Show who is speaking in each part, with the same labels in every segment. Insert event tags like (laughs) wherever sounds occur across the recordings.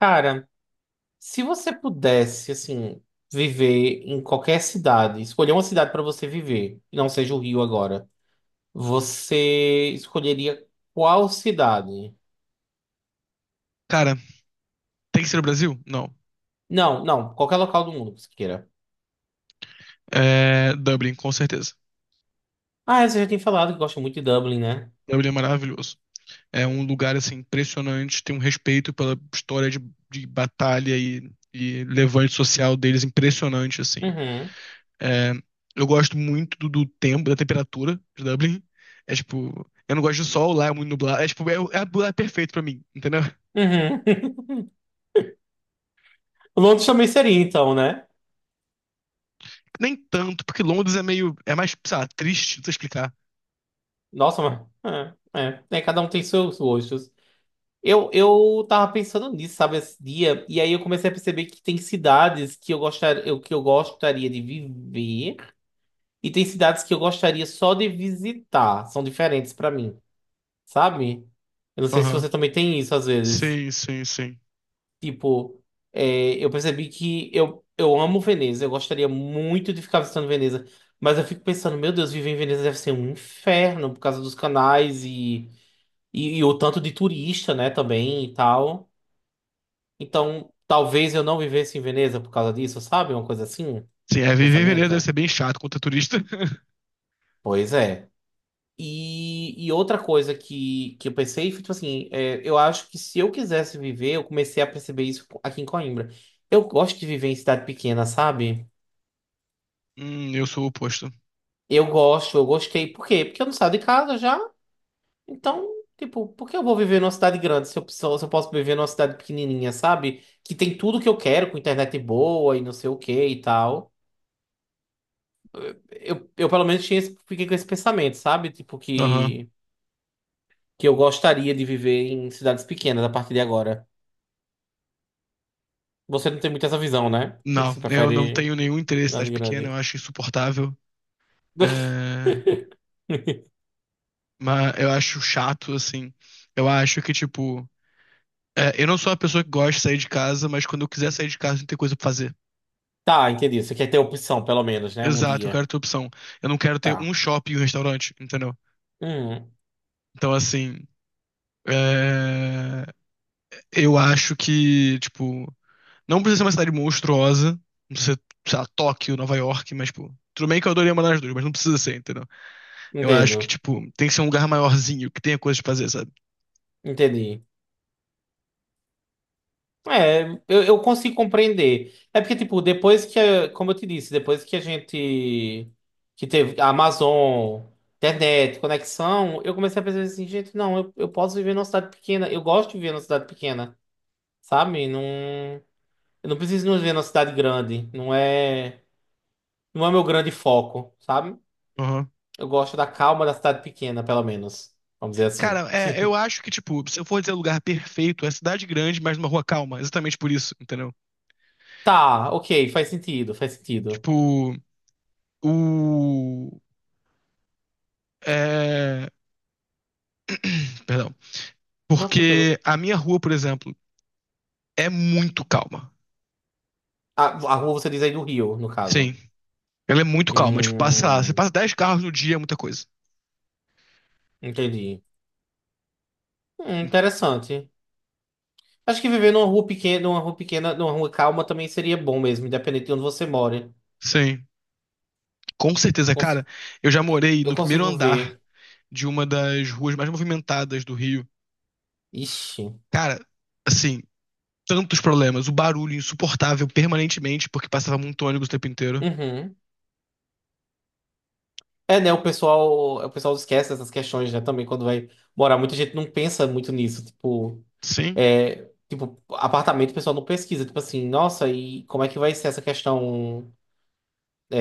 Speaker 1: Cara, se você pudesse, assim, viver em qualquer cidade, escolher uma cidade para você viver, que não seja o Rio agora, você escolheria qual cidade?
Speaker 2: Cara, tem que ser o Brasil? Não.
Speaker 1: Não, não, qualquer local do mundo que você queira.
Speaker 2: É Dublin, com certeza.
Speaker 1: Ah, você já tem falado que gosta muito de Dublin, né?
Speaker 2: Dublin é maravilhoso. É um lugar assim impressionante, tem um respeito pela história de batalha e levante social deles impressionante assim.
Speaker 1: Uhum,
Speaker 2: É, eu gosto muito do tempo, da temperatura de Dublin. É tipo, eu não gosto de sol, lá é muito nublado. É tipo, é perfeito pra mim, entendeu?
Speaker 1: uhum. (laughs) Londres também seria, então, né?
Speaker 2: Nem tanto, porque Londres é meio, é mais, sei lá, triste, não sei explicar.
Speaker 1: Nossa, mas... É, cada um tem seus gostos. Eu tava pensando nisso, sabe, esse dia, e aí eu comecei a perceber que tem cidades que eu gostaria de viver e tem cidades que eu gostaria só de visitar. São diferentes pra mim, sabe? Eu não sei se
Speaker 2: Aham.
Speaker 1: você também tem isso às vezes.
Speaker 2: Sim, sim, sim.
Speaker 1: Tipo, eu percebi que eu amo Veneza, eu gostaria muito de ficar visitando Veneza, mas eu fico pensando, meu Deus, viver em Veneza deve ser um inferno por causa dos canais e o tanto de turista, né, também e tal. Então, talvez eu não vivesse em Veneza por causa disso, sabe? Uma coisa assim,
Speaker 2: Sim, é,
Speaker 1: um
Speaker 2: viver em Veneza deve
Speaker 1: pensamento.
Speaker 2: ser bem chato contra turista. (laughs)
Speaker 1: Pois é. E outra coisa que eu pensei, foi, tipo assim, eu acho que se eu quisesse viver, eu comecei a perceber isso aqui em Coimbra. Eu gosto de viver em cidade pequena, sabe?
Speaker 2: Eu sou o oposto.
Speaker 1: Eu gosto, eu gostei. Por quê? Porque eu não saio de casa já. Então, tipo, por que eu vou viver numa cidade grande se eu posso viver numa cidade pequenininha, sabe? Que tem tudo que eu quero, com internet boa e não sei o que e tal. Eu pelo menos tinha fiquei com esse pensamento, sabe? Tipo,
Speaker 2: Aham.
Speaker 1: que eu gostaria de viver em cidades pequenas a partir de agora. Você não tem muito essa visão, né? (laughs)
Speaker 2: Não,
Speaker 1: Você
Speaker 2: eu não
Speaker 1: prefere
Speaker 2: tenho nenhum interesse em
Speaker 1: cidade
Speaker 2: cidade pequena, eu
Speaker 1: grande.
Speaker 2: acho insuportável. É...
Speaker 1: (laughs)
Speaker 2: Mas eu acho chato, assim. Eu acho que, tipo, é, eu não sou uma pessoa que gosta de sair de casa, mas quando eu quiser sair de casa, tem que ter coisa pra fazer.
Speaker 1: Tá, entendi. Você quer ter opção, pelo menos, né? Um
Speaker 2: Exato, eu
Speaker 1: dia.
Speaker 2: quero ter opção. Eu não quero ter um
Speaker 1: Tá.
Speaker 2: shopping e um restaurante, entendeu?
Speaker 1: Hum,
Speaker 2: Então, assim, é... eu acho que, tipo, não precisa ser uma cidade monstruosa. Não precisa ser, sei lá, Tóquio, Nova York, mas, tipo, tudo bem que eu adoraria morar nas duas, mas não precisa ser, entendeu? Eu acho que,
Speaker 1: Entendo.
Speaker 2: tipo, tem que ser um lugar maiorzinho, que tenha coisa pra fazer, sabe?
Speaker 1: Entendi. É, eu consigo compreender. É porque, tipo, como eu te disse, depois que a gente, que teve a Amazon, internet, conexão, eu comecei a pensar assim, gente, não, eu posso viver numa cidade pequena, eu gosto de viver numa cidade pequena, sabe? Não, eu não preciso não viver numa cidade grande, não é meu grande foco, sabe?
Speaker 2: Aham.
Speaker 1: Eu gosto da calma da cidade pequena, pelo menos, vamos dizer assim.
Speaker 2: Cara,
Speaker 1: (laughs)
Speaker 2: é, eu
Speaker 1: Sim.
Speaker 2: acho que, tipo, se eu for dizer lugar perfeito, é cidade grande, mas numa rua calma. Exatamente por isso, entendeu?
Speaker 1: Tá, ok, faz sentido, faz sentido.
Speaker 2: Tipo. O. É... (clears throat) Perdão.
Speaker 1: Não, tranquilo.
Speaker 2: Porque a minha rua, por exemplo, é muito calma.
Speaker 1: A, a rua você diz aí do Rio, no
Speaker 2: Sim.
Speaker 1: caso.
Speaker 2: Ela é muito calma. Tipo, você
Speaker 1: Hum,
Speaker 2: passa 10 carros no dia, é muita coisa.
Speaker 1: entendi. Interessante. Acho que viver numa rua pequena, numa rua calma também seria bom mesmo, independente de onde você mora.
Speaker 2: Sim. Com certeza,
Speaker 1: Cons-
Speaker 2: cara. Eu já morei no
Speaker 1: Eu
Speaker 2: primeiro
Speaker 1: consigo
Speaker 2: andar
Speaker 1: ver.
Speaker 2: de uma das ruas mais movimentadas do Rio.
Speaker 1: Ixi.
Speaker 2: Cara, assim, tantos problemas. O barulho insuportável permanentemente, porque passava muito ônibus o tempo inteiro.
Speaker 1: Uhum. É, né? O pessoal esquece essas questões, né? Também quando vai morar, muita gente não pensa muito nisso. Tipo,
Speaker 2: Sim.
Speaker 1: é, tipo, apartamento, o pessoal não pesquisa. Tipo assim, nossa, e como é que vai ser essa questão,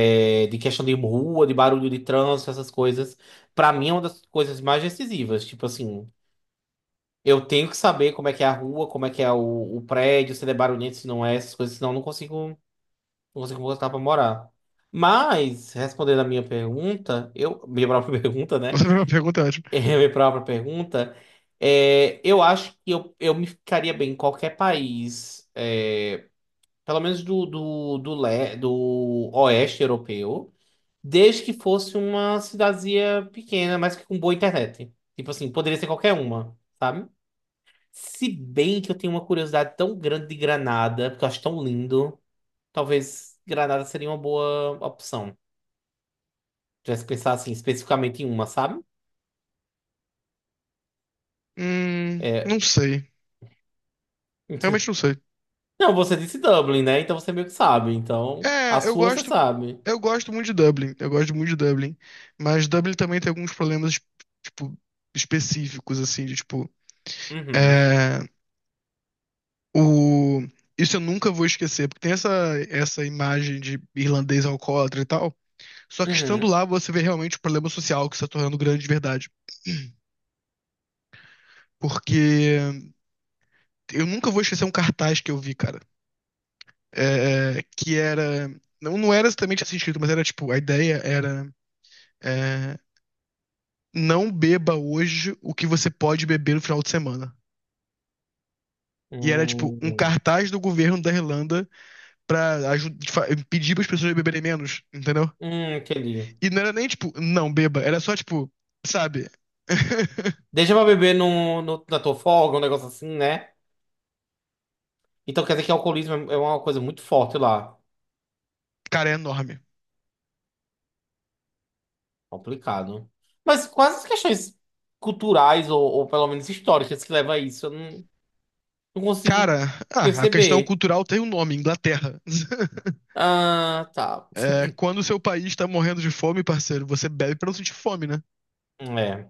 Speaker 1: de questão de rua, de barulho de trânsito, essas coisas? Pra mim é uma das coisas mais decisivas. Tipo assim. Eu tenho que saber como é que é a rua, como é que é o prédio, se ele é barulhento, se não é, essas coisas, senão eu não consigo voltar pra morar. Mas, respondendo a minha pergunta, minha própria (laughs) pergunta,
Speaker 2: Essa
Speaker 1: né?
Speaker 2: é uma pergunta ótima.
Speaker 1: É, minha própria pergunta, eu acho que eu me ficaria bem em qualquer país, pelo menos do oeste europeu, desde que fosse uma cidadezinha pequena, mas que com boa internet. Tipo assim, poderia ser qualquer uma, sabe? Se bem que eu tenho uma curiosidade tão grande de Granada, porque eu acho tão lindo, talvez Granada seria uma boa opção. Já se pensar assim, especificamente em uma, sabe?
Speaker 2: Não
Speaker 1: É...
Speaker 2: sei. Realmente
Speaker 1: (laughs)
Speaker 2: não sei.
Speaker 1: Não, você disse Dublin, né? Então você meio que sabe. Então, a
Speaker 2: É, eu
Speaker 1: sua você
Speaker 2: gosto
Speaker 1: sabe.
Speaker 2: Eu gosto muito de Dublin, eu gosto muito de Dublin, mas Dublin também tem alguns problemas, tipo, específicos, assim, de tipo,
Speaker 1: Uhum.
Speaker 2: é, o... Isso eu nunca vou esquecer, porque tem essa imagem de irlandês alcoólatra e tal, só que estando
Speaker 1: Uhum.
Speaker 2: lá você vê realmente o problema social que está tornando grande de verdade. (clears throat) Porque eu nunca vou esquecer um cartaz que eu vi, cara, é, que era... Não, não era exatamente assim escrito, mas era tipo, a ideia era... eh, não beba hoje o que você pode beber no final de semana. E era tipo um
Speaker 1: Hum,
Speaker 2: cartaz do governo da Irlanda pra pedir pras pessoas beberem menos, entendeu?
Speaker 1: aquele.
Speaker 2: E não era nem tipo, não beba, era só tipo, sabe? (laughs)
Speaker 1: Deixa pra beber no, na tua folga, um negócio assim, né? Então quer dizer que o alcoolismo é uma coisa muito forte lá.
Speaker 2: Cara, é enorme.
Speaker 1: Complicado. Mas quais as questões culturais, ou pelo menos históricas, que levam a isso? Eu não consigo
Speaker 2: Cara, ah, a questão
Speaker 1: perceber.
Speaker 2: cultural tem um nome, Inglaterra. (laughs)
Speaker 1: Ah, tá.
Speaker 2: É, quando o seu país tá morrendo de fome, parceiro, você bebe pra não sentir fome, né?
Speaker 1: É.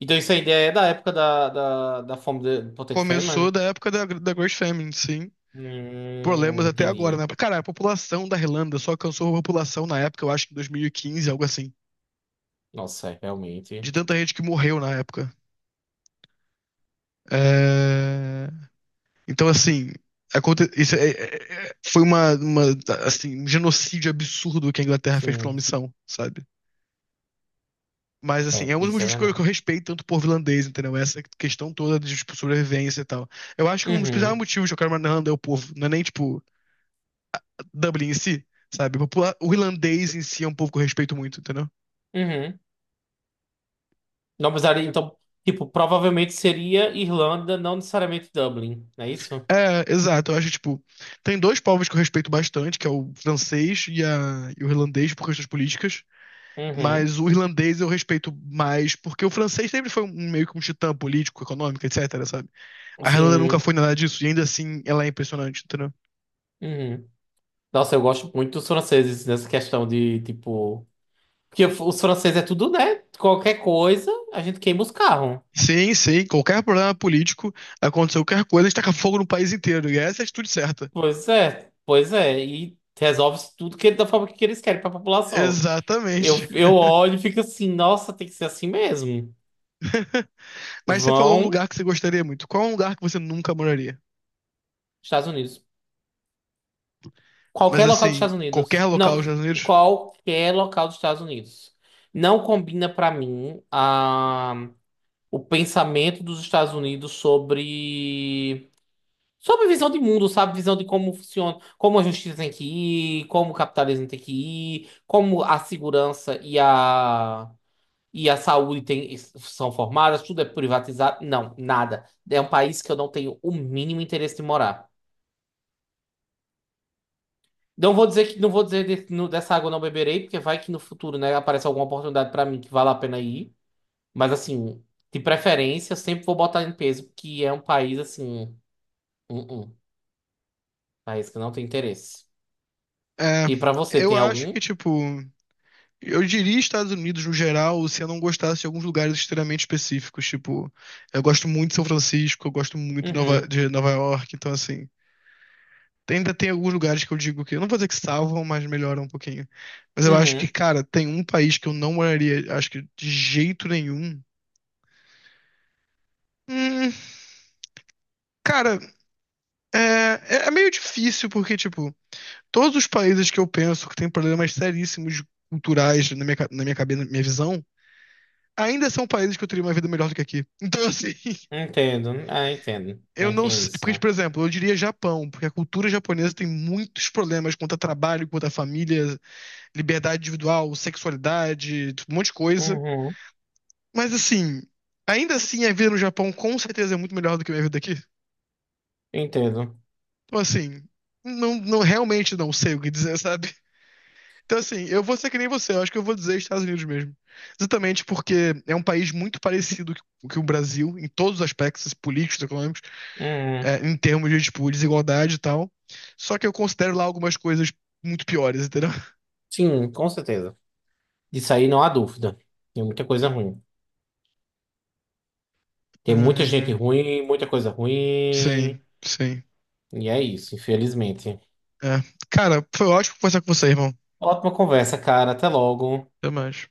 Speaker 1: Então isso ainda é da época da fome de do Potato
Speaker 2: Começou
Speaker 1: Famine?
Speaker 2: da época da Great Famine, sim. Problemas até agora,
Speaker 1: Entendi.
Speaker 2: né? Cara, a população da Irlanda só alcançou a população na época, eu acho que em 2015, algo assim.
Speaker 1: Nossa, realmente.
Speaker 2: De tanta gente que morreu na época. É, então, assim, foi assim, um genocídio absurdo que a Inglaterra fez pra uma
Speaker 1: Sim.
Speaker 2: missão, sabe? Mas, assim,
Speaker 1: É,
Speaker 2: é um dos
Speaker 1: isso é
Speaker 2: motivos que
Speaker 1: verdade.
Speaker 2: eu respeito tanto o povo irlandês, entendeu? Essa questão toda de tipo, sobrevivência e tal. Eu acho que um dos principais
Speaker 1: Uhum,
Speaker 2: motivos que eu quero morar na Irlanda é o povo, não é nem, tipo, Dublin em si, sabe? O irlandês em si é um povo que eu respeito muito, entendeu?
Speaker 1: uhum. Não precisaria, então, tipo, provavelmente seria Irlanda, não necessariamente Dublin, não é isso?
Speaker 2: É, exato. Eu acho, tipo, tem dois povos que eu respeito bastante, que é o francês e o irlandês por questões políticas.
Speaker 1: Uhum.
Speaker 2: Mas o irlandês eu respeito mais, porque o francês sempre foi meio que um titã político, econômico, etc, sabe? A Irlanda nunca
Speaker 1: Sim.
Speaker 2: foi nada disso, e ainda assim ela é impressionante, entendeu?
Speaker 1: Uhum. Nossa, eu gosto muito dos franceses nessa questão de, tipo. Porque os franceses é tudo, né? Qualquer coisa, a gente queima os carros.
Speaker 2: Sim, sim, qualquer problema político, aconteceu qualquer coisa, a gente taca fogo no país inteiro, e essa é a atitude certa.
Speaker 1: Pois é, pois é. E resolve tudo que, da forma que eles querem para a população. Eu,
Speaker 2: Exatamente.
Speaker 1: eu olho e fico assim, nossa, tem que ser assim mesmo.
Speaker 2: (laughs) Mas você falou um
Speaker 1: Vão,
Speaker 2: lugar que você gostaria muito. Qual é um lugar que você nunca moraria?
Speaker 1: Estados Unidos.
Speaker 2: Mas
Speaker 1: Qualquer local dos
Speaker 2: assim,
Speaker 1: Estados
Speaker 2: qualquer
Speaker 1: Unidos.
Speaker 2: local dos
Speaker 1: Não,
Speaker 2: Estados Unidos?
Speaker 1: qualquer local dos Estados Unidos. Não combina para mim o pensamento dos Estados Unidos sobre. Sobre visão de mundo, sabe? Visão de como funciona, como a justiça tem que ir, como o capitalismo tem que ir, como a segurança e a saúde tem, são formadas, tudo é privatizado. Não, nada. É um país que eu não tenho o mínimo interesse de morar. Não vou dizer que não vou dizer de- no- dessa água eu não beberei, porque vai que no futuro, né, aparece alguma oportunidade pra mim que vale a pena ir. Mas assim, de preferência, eu sempre vou botar em peso, porque é um país assim, um país que eu não tem interesse.
Speaker 2: É,
Speaker 1: E pra você,
Speaker 2: eu
Speaker 1: tem
Speaker 2: acho
Speaker 1: algum?
Speaker 2: que, tipo, eu diria Estados Unidos no geral, se eu não gostasse de alguns lugares extremamente específicos, tipo, eu gosto muito de São Francisco, eu gosto muito de
Speaker 1: Uhum,
Speaker 2: de Nova York, então assim, ainda tem alguns lugares que eu digo que, eu não vou dizer que salvam, mas melhoram um pouquinho. Mas eu acho que,
Speaker 1: uhum,
Speaker 2: cara, tem um país que eu não moraria, acho que de jeito nenhum. Hum, cara, é meio difícil, porque, tipo, todos os países que eu penso que tem problemas seríssimos culturais na na minha cabeça, na minha visão, ainda são países que eu teria uma vida melhor do que aqui. Então, assim, (laughs)
Speaker 1: entendo. Ah, entendo.
Speaker 2: eu
Speaker 1: Nem
Speaker 2: não
Speaker 1: tem
Speaker 2: sei.
Speaker 1: isso,
Speaker 2: Porque,
Speaker 1: né?
Speaker 2: por exemplo, eu diria Japão, porque a cultura japonesa tem muitos problemas quanto a trabalho, quanto a família, liberdade individual, sexualidade, um monte de coisa.
Speaker 1: Uhum,
Speaker 2: Mas, assim, ainda assim, a vida no Japão com certeza é muito melhor do que a minha vida aqui.
Speaker 1: entendo.
Speaker 2: Então, assim, não realmente não sei o que dizer, (laughs) sabe? Então, assim, eu vou ser que nem você, eu acho que eu vou dizer Estados Unidos mesmo. Exatamente porque é um país muito parecido com o Brasil, em todos os aspectos políticos, econômicos.
Speaker 1: Uhum.
Speaker 2: É, em termos de, tipo, desigualdade e tal. Só que eu considero lá algumas coisas muito piores, entendeu?
Speaker 1: Sim, com certeza. Disso aí não há dúvida. Tem muita coisa ruim.
Speaker 2: Ai,
Speaker 1: Tem muita gente
Speaker 2: ai.
Speaker 1: ruim, muita coisa
Speaker 2: Sim,
Speaker 1: ruim.
Speaker 2: sim.
Speaker 1: E é isso, infelizmente.
Speaker 2: É. Cara, foi ótimo conversar com você, irmão.
Speaker 1: Ótima conversa, cara. Até logo.
Speaker 2: Até mais.